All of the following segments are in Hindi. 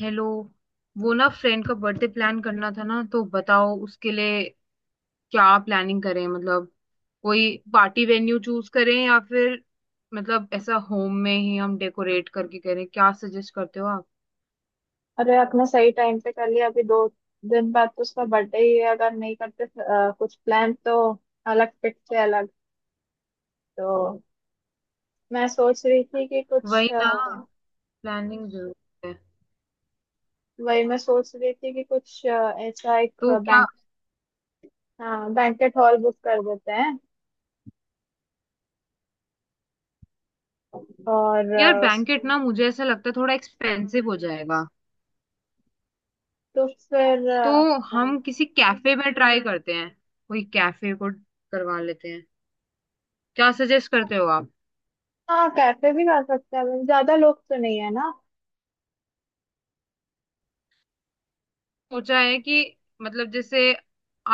हेलो। वो ना फ्रेंड का बर्थडे प्लान करना था ना, तो बताओ उसके लिए क्या प्लानिंग करें। मतलब कोई पार्टी वेन्यू चूज करें या फिर मतलब ऐसा होम में ही हम डेकोरेट करके करें? क्या सजेस्ट करते हो आप? अरे आपने सही टाइम पे कर लिया। अभी दो दिन बाद तो उसका बर्थडे ही है। अगर नहीं करते कुछ प्लान तो अलग पिट से अलग। तो मैं सोच रही थी कि वही कुछ ना, प्लानिंग जरूरी है। वही मैं सोच रही थी कि कुछ अ, ऐसा एक तो क्या, बैंक हाँ, बैंकेट हॉल बुक कर देते हैं। और यार बैंकेट ना मुझे ऐसा लगता है थोड़ा एक्सपेंसिव हो जाएगा। तो फिर तो हम किसी कैफे में ट्राई करते हैं, कोई कैफे को करवा लेते हैं। क्या सजेस्ट करते हो आप? हाँ, कैफे भी कर सकते हैं। ज्यादा लोग तो नहीं है ना। सोचा है कि मतलब जैसे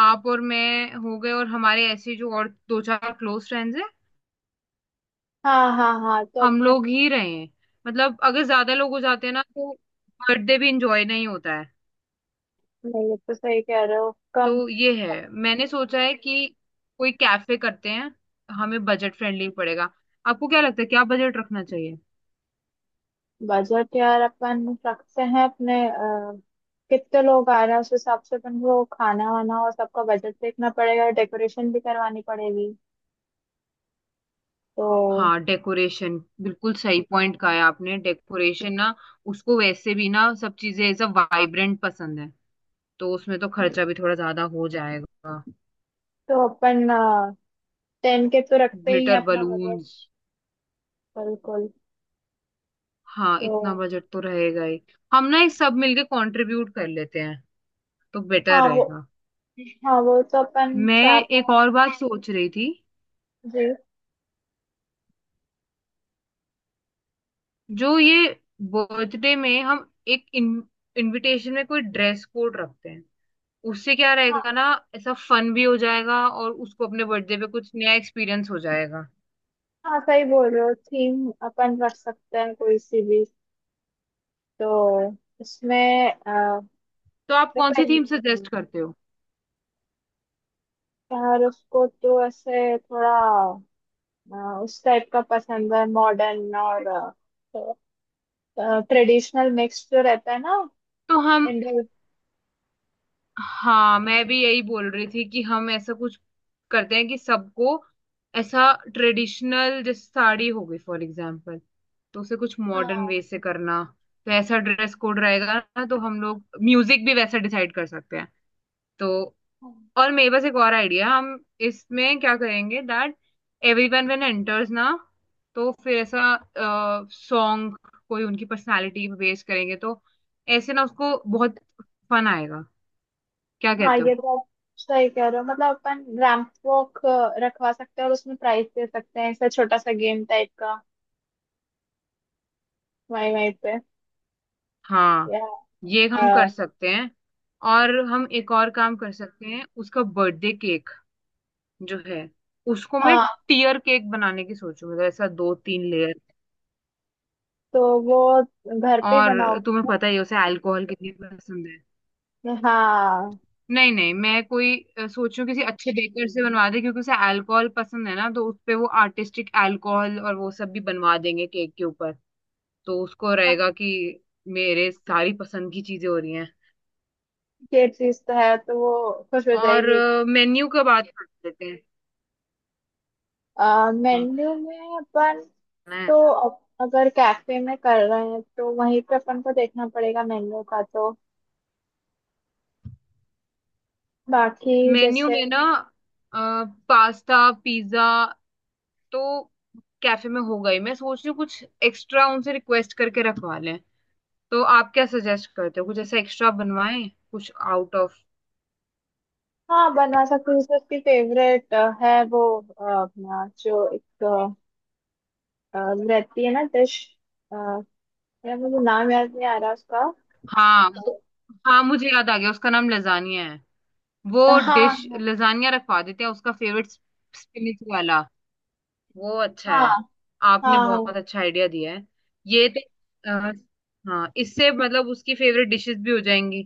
आप और मैं हो गए और हमारे ऐसे जो और दो चार क्लोज फ्रेंड्स हैं, हाँ हाँ हाँ, तो हम अपन। लोग ही रहे हैं। मतलब अगर ज्यादा लोग हो जाते हैं ना तो बर्थडे भी इंजॉय नहीं होता है। नहीं, ये तो सही कह रहे हो। कम तो ये है, मैंने सोचा है कि कोई कैफे करते हैं, हमें बजट फ्रेंडली पड़ेगा। आपको क्या लगता है क्या बजट रखना चाहिए? बजट यार अपन रखते हैं अपने। कितने लोग आ रहे हैं उस हिसाब से अपन को खाना वाना और सबका बजट देखना पड़ेगा। डेकोरेशन भी करवानी पड़ेगी। तो हाँ, डेकोरेशन बिल्कुल सही पॉइंट कहा है आपने। डेकोरेशन ना, उसको वैसे भी ना सब चीजें सब वाइब्रेंट पसंद है, तो उसमें तो खर्चा भी थोड़ा ज्यादा हो जाएगा। तो अपन टेन के तो रखते ही है ग्लिटर अपना बजट। बलून्स। बिल्कुल। हाँ, तो इतना बजट तो रहेगा ही। हम ना ये सब मिलके कंट्रीब्यूट कर लेते हैं तो बेटर हाँ वो, रहेगा। हाँ वो तो अपन मैं चार एक पाँच। और बात सोच रही थी। जी जो ये बर्थडे में हम एक इनविटेशन में कोई ड्रेस कोड रखते हैं उससे क्या हाँ रहेगा ना। ऐसा फन भी हो जाएगा और उसको अपने बर्थडे पे कुछ नया एक्सपीरियंस हो जाएगा। हाँ, सही बोल रहे हो। थीम अपन रख सकते हैं कोई सी भी। तो इसमें तो आप कौन देखो सी थीम सजेस्ट करते हो? यार उसको तो ऐसे थोड़ा अ, उस टाइप का पसंद है। मॉडर्न और ट्रेडिशनल मिक्स जो रहता है ना। तो हम, इंडो। हाँ मैं भी यही बोल रही थी कि हम ऐसा कुछ करते हैं कि सबको ऐसा ट्रेडिशनल जैसे साड़ी हो गई फॉर एग्जांपल, तो उसे कुछ मॉडर्न हाँ वे से करना। तो ऐसा ड्रेस कोड रहेगा ना, तो हम लोग म्यूजिक भी वैसा डिसाइड कर सकते हैं। तो हाँ और मेरे पास एक और आइडिया। हम इसमें क्या करेंगे, दैट एवरीवन व्हेन एंटर्स ना तो फिर ऐसा सॉन्ग कोई उनकी पर्सनालिटी पे बेस करेंगे तो ऐसे ना उसको बहुत फन आएगा। क्या हाँ, कहते हो? ये तो आप सही कह रहे हो। मतलब अपन रैंप वॉक रखवा सकते हैं और उसमें प्राइस दे सकते हैं, ऐसा छोटा सा गेम टाइप का। वहीं वहीं पे। हाँ, या ये अ, हम कर सकते हैं। और हम एक और काम कर सकते हैं उसका बर्थडे केक जो है उसको मैं हाँ। टीयर केक बनाने की सोचूं, मतलब ऐसा दो तीन लेयर। तो वो घर पे ही और तुम्हें बनाओगे पता ही है उसे अल्कोहल कितनी पसंद है। क्या? हाँ नहीं नहीं, मैं कोई सोचूं किसी अच्छे बेकर से बनवा दे क्योंकि उसे अल्कोहल पसंद है ना तो उस पे वो आर्टिस्टिक अल्कोहल और वो सब भी बनवा देंगे केक के ऊपर। तो उसको हाँ, रहेगा कि मेरे सारी पसंद की चीजें हो रही हैं। ये चीज तो है तो वो खुश हो और जाएगी। मेन्यू का बात कर लेते हैं। मेन्यू में अपन हाँ, तो अगर कैफे में कर रहे हैं तो वहीं पे अपन को देखना पड़ेगा मेन्यू का। तो बाकी मेन्यू जैसे में ना पास्ता, पिज्जा, तो कैफे में हो गई। मैं सोच रही हूँ कुछ एक्स्ट्रा उनसे रिक्वेस्ट करके रखवा लें। तो आप क्या सजेस्ट करते हो कुछ ऐसा एक्स्ट्रा बनवाएं, कुछ आउट ऑफ। हाँ, बनवा सकते हैं। जैसे उसकी फेवरेट है वो अपना जो एक अ, रहती है ना डिश। यार मुझे नाम याद नहीं आ रहा उसका। हाँ हाँ मुझे याद आ गया उसका नाम लजानिया है। वो डिश हाँ लजानिया रखवा देते हैं, उसका फेवरेट स्पिनिच वाला। वो अच्छा हाँ है। आपने हाँ हाँ बहुत अच्छा आइडिया दिया है। ये तो अ, हाँ इससे मतलब उसकी फेवरेट डिशेस भी हो जाएंगी।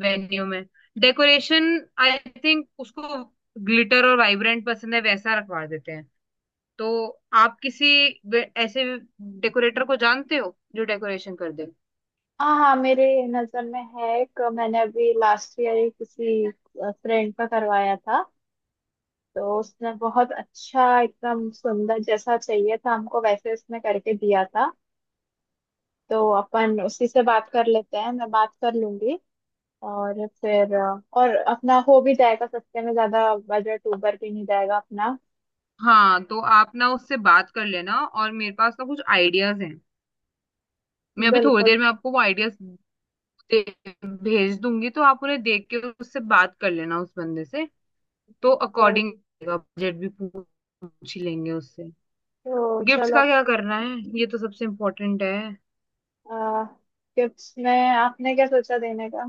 वेन्यू में डेकोरेशन आई थिंक उसको ग्लिटर और वाइब्रेंट पसंद है वैसा रखवा देते हैं। तो आप किसी ऐसे डेकोरेटर को जानते हो जो डेकोरेशन कर दे? हाँ हाँ, मेरे नजर में है एक। मैंने अभी लास्ट ईयर किसी फ्रेंड का करवाया था। तो उसने बहुत अच्छा, एकदम सुंदर जैसा चाहिए था हमको वैसे, उसने करके दिया था। तो अपन उसी से बात कर लेते हैं, मैं बात कर लूंगी। और फिर और अपना हो भी जाएगा सस्ते में, ज्यादा बजट ऊबर भी नहीं जाएगा अपना। हाँ, तो आप ना उससे बात कर लेना और मेरे पास ना कुछ आइडियाज हैं। मैं अभी थोड़ी देर बिल्कुल। में आपको वो आइडियाज दे- भेज दूंगी, तो आप उन्हें देख के उससे बात कर लेना उस बंदे से। तो अकॉर्डिंग जरूर। बजट भी पूछ पूछ ही लेंगे उससे। तो गिफ्ट्स चलो का क्या अपने। करना है, ये तो सबसे इम्पोर्टेंट है। गिफ्ट्स में आपने क्या सोचा देने का?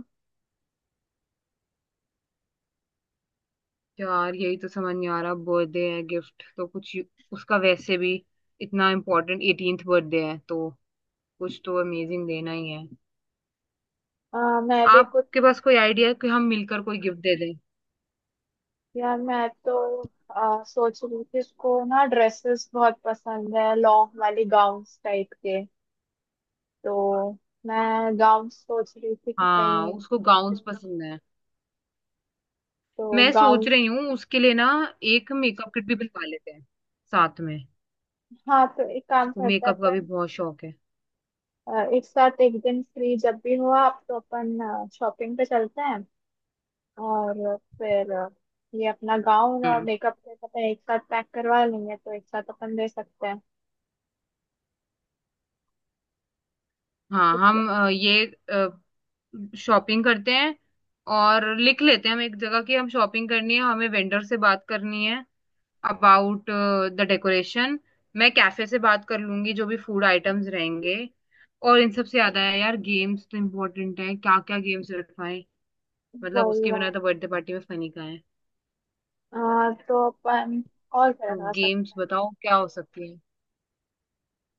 यार यही तो समझ नहीं आ रहा, बर्थडे है गिफ्ट तो कुछ उसका वैसे भी इतना इम्पोर्टेंट 18th बर्थडे है तो कुछ तो अमेजिंग देना ही है। अ, मैं भी कुछ। आपके पास कोई आइडिया है कि हम मिलकर कोई गिफ्ट दे दें? यार मैं तो सोच रही थी, इसको ना ड्रेसेस बहुत पसंद है, लॉन्ग वाली गाउन टाइप के। तो मैं गांव सोच रही थी कि हाँ कहीं। उसको गाउन्स पसंद है। तो मैं गांव। सोच रही हूँ उसके लिए ना एक मेकअप किट भी बनवा लेते हैं साथ में। हाँ, तो एक काम करते हैं मेकअप का भी अपन। बहुत शौक है। एक साथ एक दिन फ्री जब भी हो आप, तो अपन शॉपिंग पे चलते हैं। और फिर ये अपना गाउन और हम्म, मेकअप किट अपन एक साथ पैक करवा लेंगे, तो एक साथ अपन दे सकते हैं। हाँ ठीक है। हम ये शॉपिंग करते हैं और लिख लेते हैं हम एक जगह की हम शॉपिंग करनी है, हमें वेंडर से बात करनी है अबाउट द डेकोरेशन। मैं कैफे से बात कर लूंगी, जो भी फूड आइटम्स रहेंगे। और इन सबसे ज्यादा है यार गेम्स तो इम्पोर्टेंट है, क्या क्या गेम्स रखवाएं। मतलब वही उसके है। बिना तो बर्थडे पार्टी में फनी का है। तो अपन और क्या तो करा सकते गेम्स बताओ क्या हो सकती है।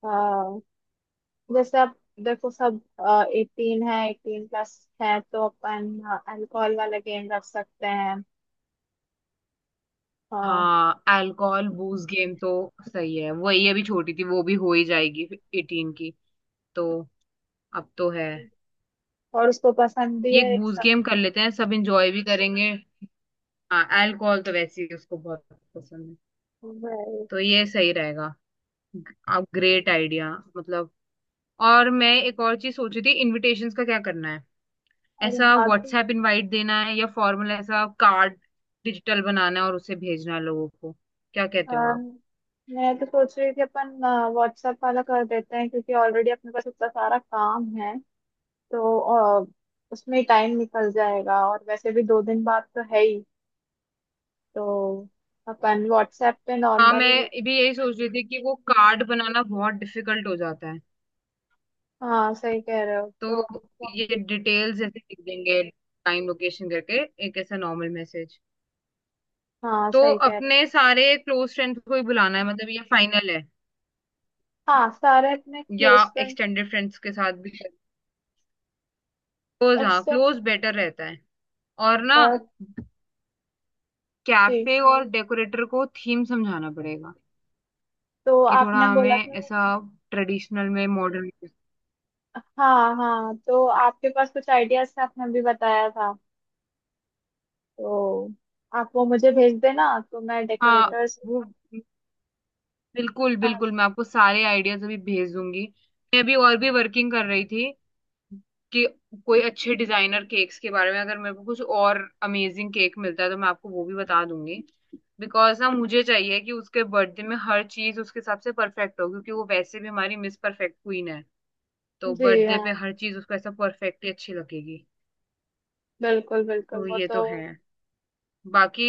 हैं? जैसे अब देखो सब एटीन है, एटीन प्लस है, तो अपन अल्कोहल वाला गेम रख सकते हैं। हाँ, हाँ अल्कोहल बूज गेम तो सही है, वही अभी छोटी थी वो भी हो ही जाएगी एटीन की। तो अब तो है। और उसको पसंद भी ये है एक ये बूज सब, गेम कर लेते हैं, सब इंजॉय भी करेंगे। हाँ अल्कोहल तो वैसे ही उसको बहुत पसंद है। भाई। तो ये सही रहेगा। अब ग्रेट आइडिया मतलब। और मैं एक और चीज सोच रही थी, इनविटेशंस का क्या करना है? अरे ऐसा हाँ, तो व्हाट्सएप इनवाइट देना है या फॉर्मल ऐसा कार्ड डिजिटल बनाना है और उसे भेजना है लोगों को। क्या कहते हो अम, आप? मैं तो सोच रही थी अपन व्हाट्सएप वाला कर देते हैं, क्योंकि ऑलरेडी अपने पास इतना सारा काम है। तो अ, उसमें टाइम निकल जाएगा। और वैसे भी दो दिन बाद तो है ही। तो अपन व्हाट्सएप पे हाँ नॉर्मली। मैं भी यही सोच रही थी कि वो कार्ड बनाना बहुत डिफिकल्ट हो जाता है। हाँ सही कह रहे हो। तो तो ये डिटेल्स जैसे लिख देंगे, टाइम लोकेशन करके एक ऐसा नॉर्मल मैसेज। हाँ तो सही कह रहे हो। अपने सारे क्लोज फ्रेंड्स को ही बुलाना है, मतलब ये फाइनल है? हाँ, सारे अपने या क्लोज फ्रेंड एक्सटेंडेड फ्रेंड्स के साथ भी? क्लोज, हाँ एक्सटेंड। क्लोज बेटर रहता है। और ना जी, कैफे और डेकोरेटर को थीम समझाना पड़ेगा तो कि थोड़ा आपने बोला हमें था। ऐसा ट्रेडिशनल में मॉडर्न। हाँ हाँ, तो आपके पास कुछ आइडियाज थे, आपने अभी बताया था। तो आप वो मुझे भेज देना, तो मैं हाँ डेकोरेटर्स। वो बिल्कुल हाँ। बिल्कुल, मैं आपको सारे आइडियाज अभी भेज दूंगी। मैं अभी और भी वर्किंग कर रही थी कि कोई अच्छे डिजाइनर केक्स के बारे में अगर मेरे को कुछ और अमेजिंग केक मिलता है तो मैं आपको वो भी बता दूंगी। बिकॉज ना मुझे चाहिए कि उसके बर्थडे में हर चीज उसके हिसाब से परफेक्ट हो, क्योंकि वो वैसे भी हमारी मिस परफेक्ट क्वीन है। तो जी बर्थडे पे हाँ, हर चीज उसको ऐसा परफेक्टली अच्छी लगेगी। बिल्कुल बिल्कुल तो वो ये तो। तो है। बाकी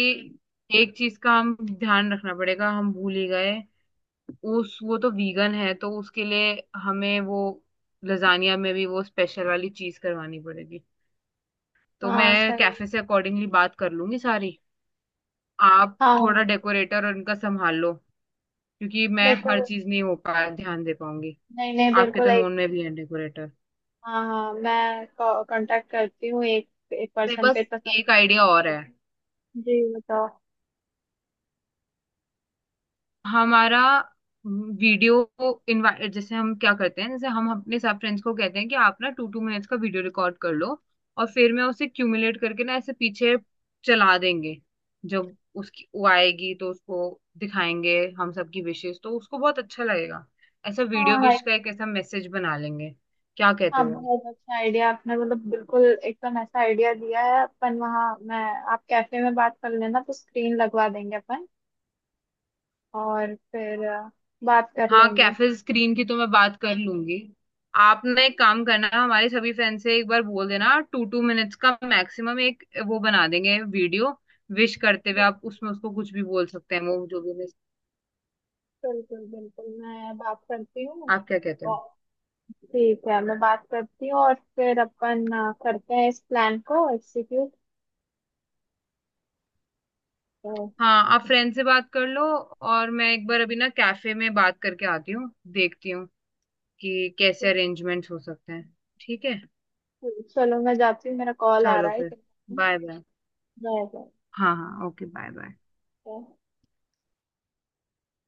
एक चीज का हम ध्यान रखना पड़ेगा, हम भूल ही गए। उस वो तो वीगन है, तो उसके लिए हमें वो लजानिया में भी वो स्पेशल वाली चीज करवानी पड़ेगी। तो हाँ मैं सही। कैफे से अकॉर्डिंगली बात कर लूंगी सारी। आप थोड़ा हाँ डेकोरेटर और इनका संभाल लो, क्योंकि मैं डेकोर हर चीज नहीं हो पा ध्यान दे पाऊंगी। नहीं नहीं, आपके बिल्कुल तो एक। नोन में भी है डेकोरेटर। हाँ हाँ, मैं कांटेक्ट करती हूँ, एक एक मेरे पर्सन पे पास तो एक आइडिया और है। जी बताओ। हमारा वीडियो इनवाइट जैसे हम क्या करते हैं, जैसे हम अपने सब फ्रेंड्स को कहते हैं कि आप ना टू टू मिनट्स का वीडियो रिकॉर्ड कर लो और फिर मैं उसे क्यूमुलेट करके ना ऐसे पीछे चला देंगे। जब उसकी वो आएगी तो उसको दिखाएंगे हम सबकी विशेष, तो उसको बहुत अच्छा लगेगा। ऐसा वीडियो हाँ हाँ विश एक, का एक ऐसा मैसेज बना लेंगे। क्या कहते हाँ हो? बहुत अच्छा आइडिया आपने मतलब बिल्कुल एकदम ऐसा आइडिया दिया है। अपन वहाँ मैं। आप कैफे में बात कर लेना तो स्क्रीन लगवा देंगे अपन। और फिर बात कर हाँ लेंगे। कैफे स्क्रीन की तो मैं बात कर लूंगी। आपने एक काम करना, हमारे सभी फ्रेंड से एक बार बोल देना टू टू मिनट्स का मैक्सिमम, एक वो बना देंगे वीडियो विश करते हुए, आप उसमें उसको कुछ भी बोल सकते हैं वो जो भी बिल्कुल बिल्कुल, मैं बात करती हूँ। आप क्या कहते हो? और ठीक है, मैं बात करती हूँ। और फिर अपन करते हैं इस प्लान को एग्जीक्यूट। बिल्कुल। हाँ आप फ्रेंड से बात कर लो और मैं एक बार अभी ना कैफे में बात करके आती हूँ। देखती हूँ कि कैसे अरेंजमेंट्स हो सकते हैं। ठीक है, चलो, मैं जाती हूँ, मेरा कॉल आ चलो रहा है। फिर। Bye bye. बाय हाँ हाँ ओके बाय बाय। बाय।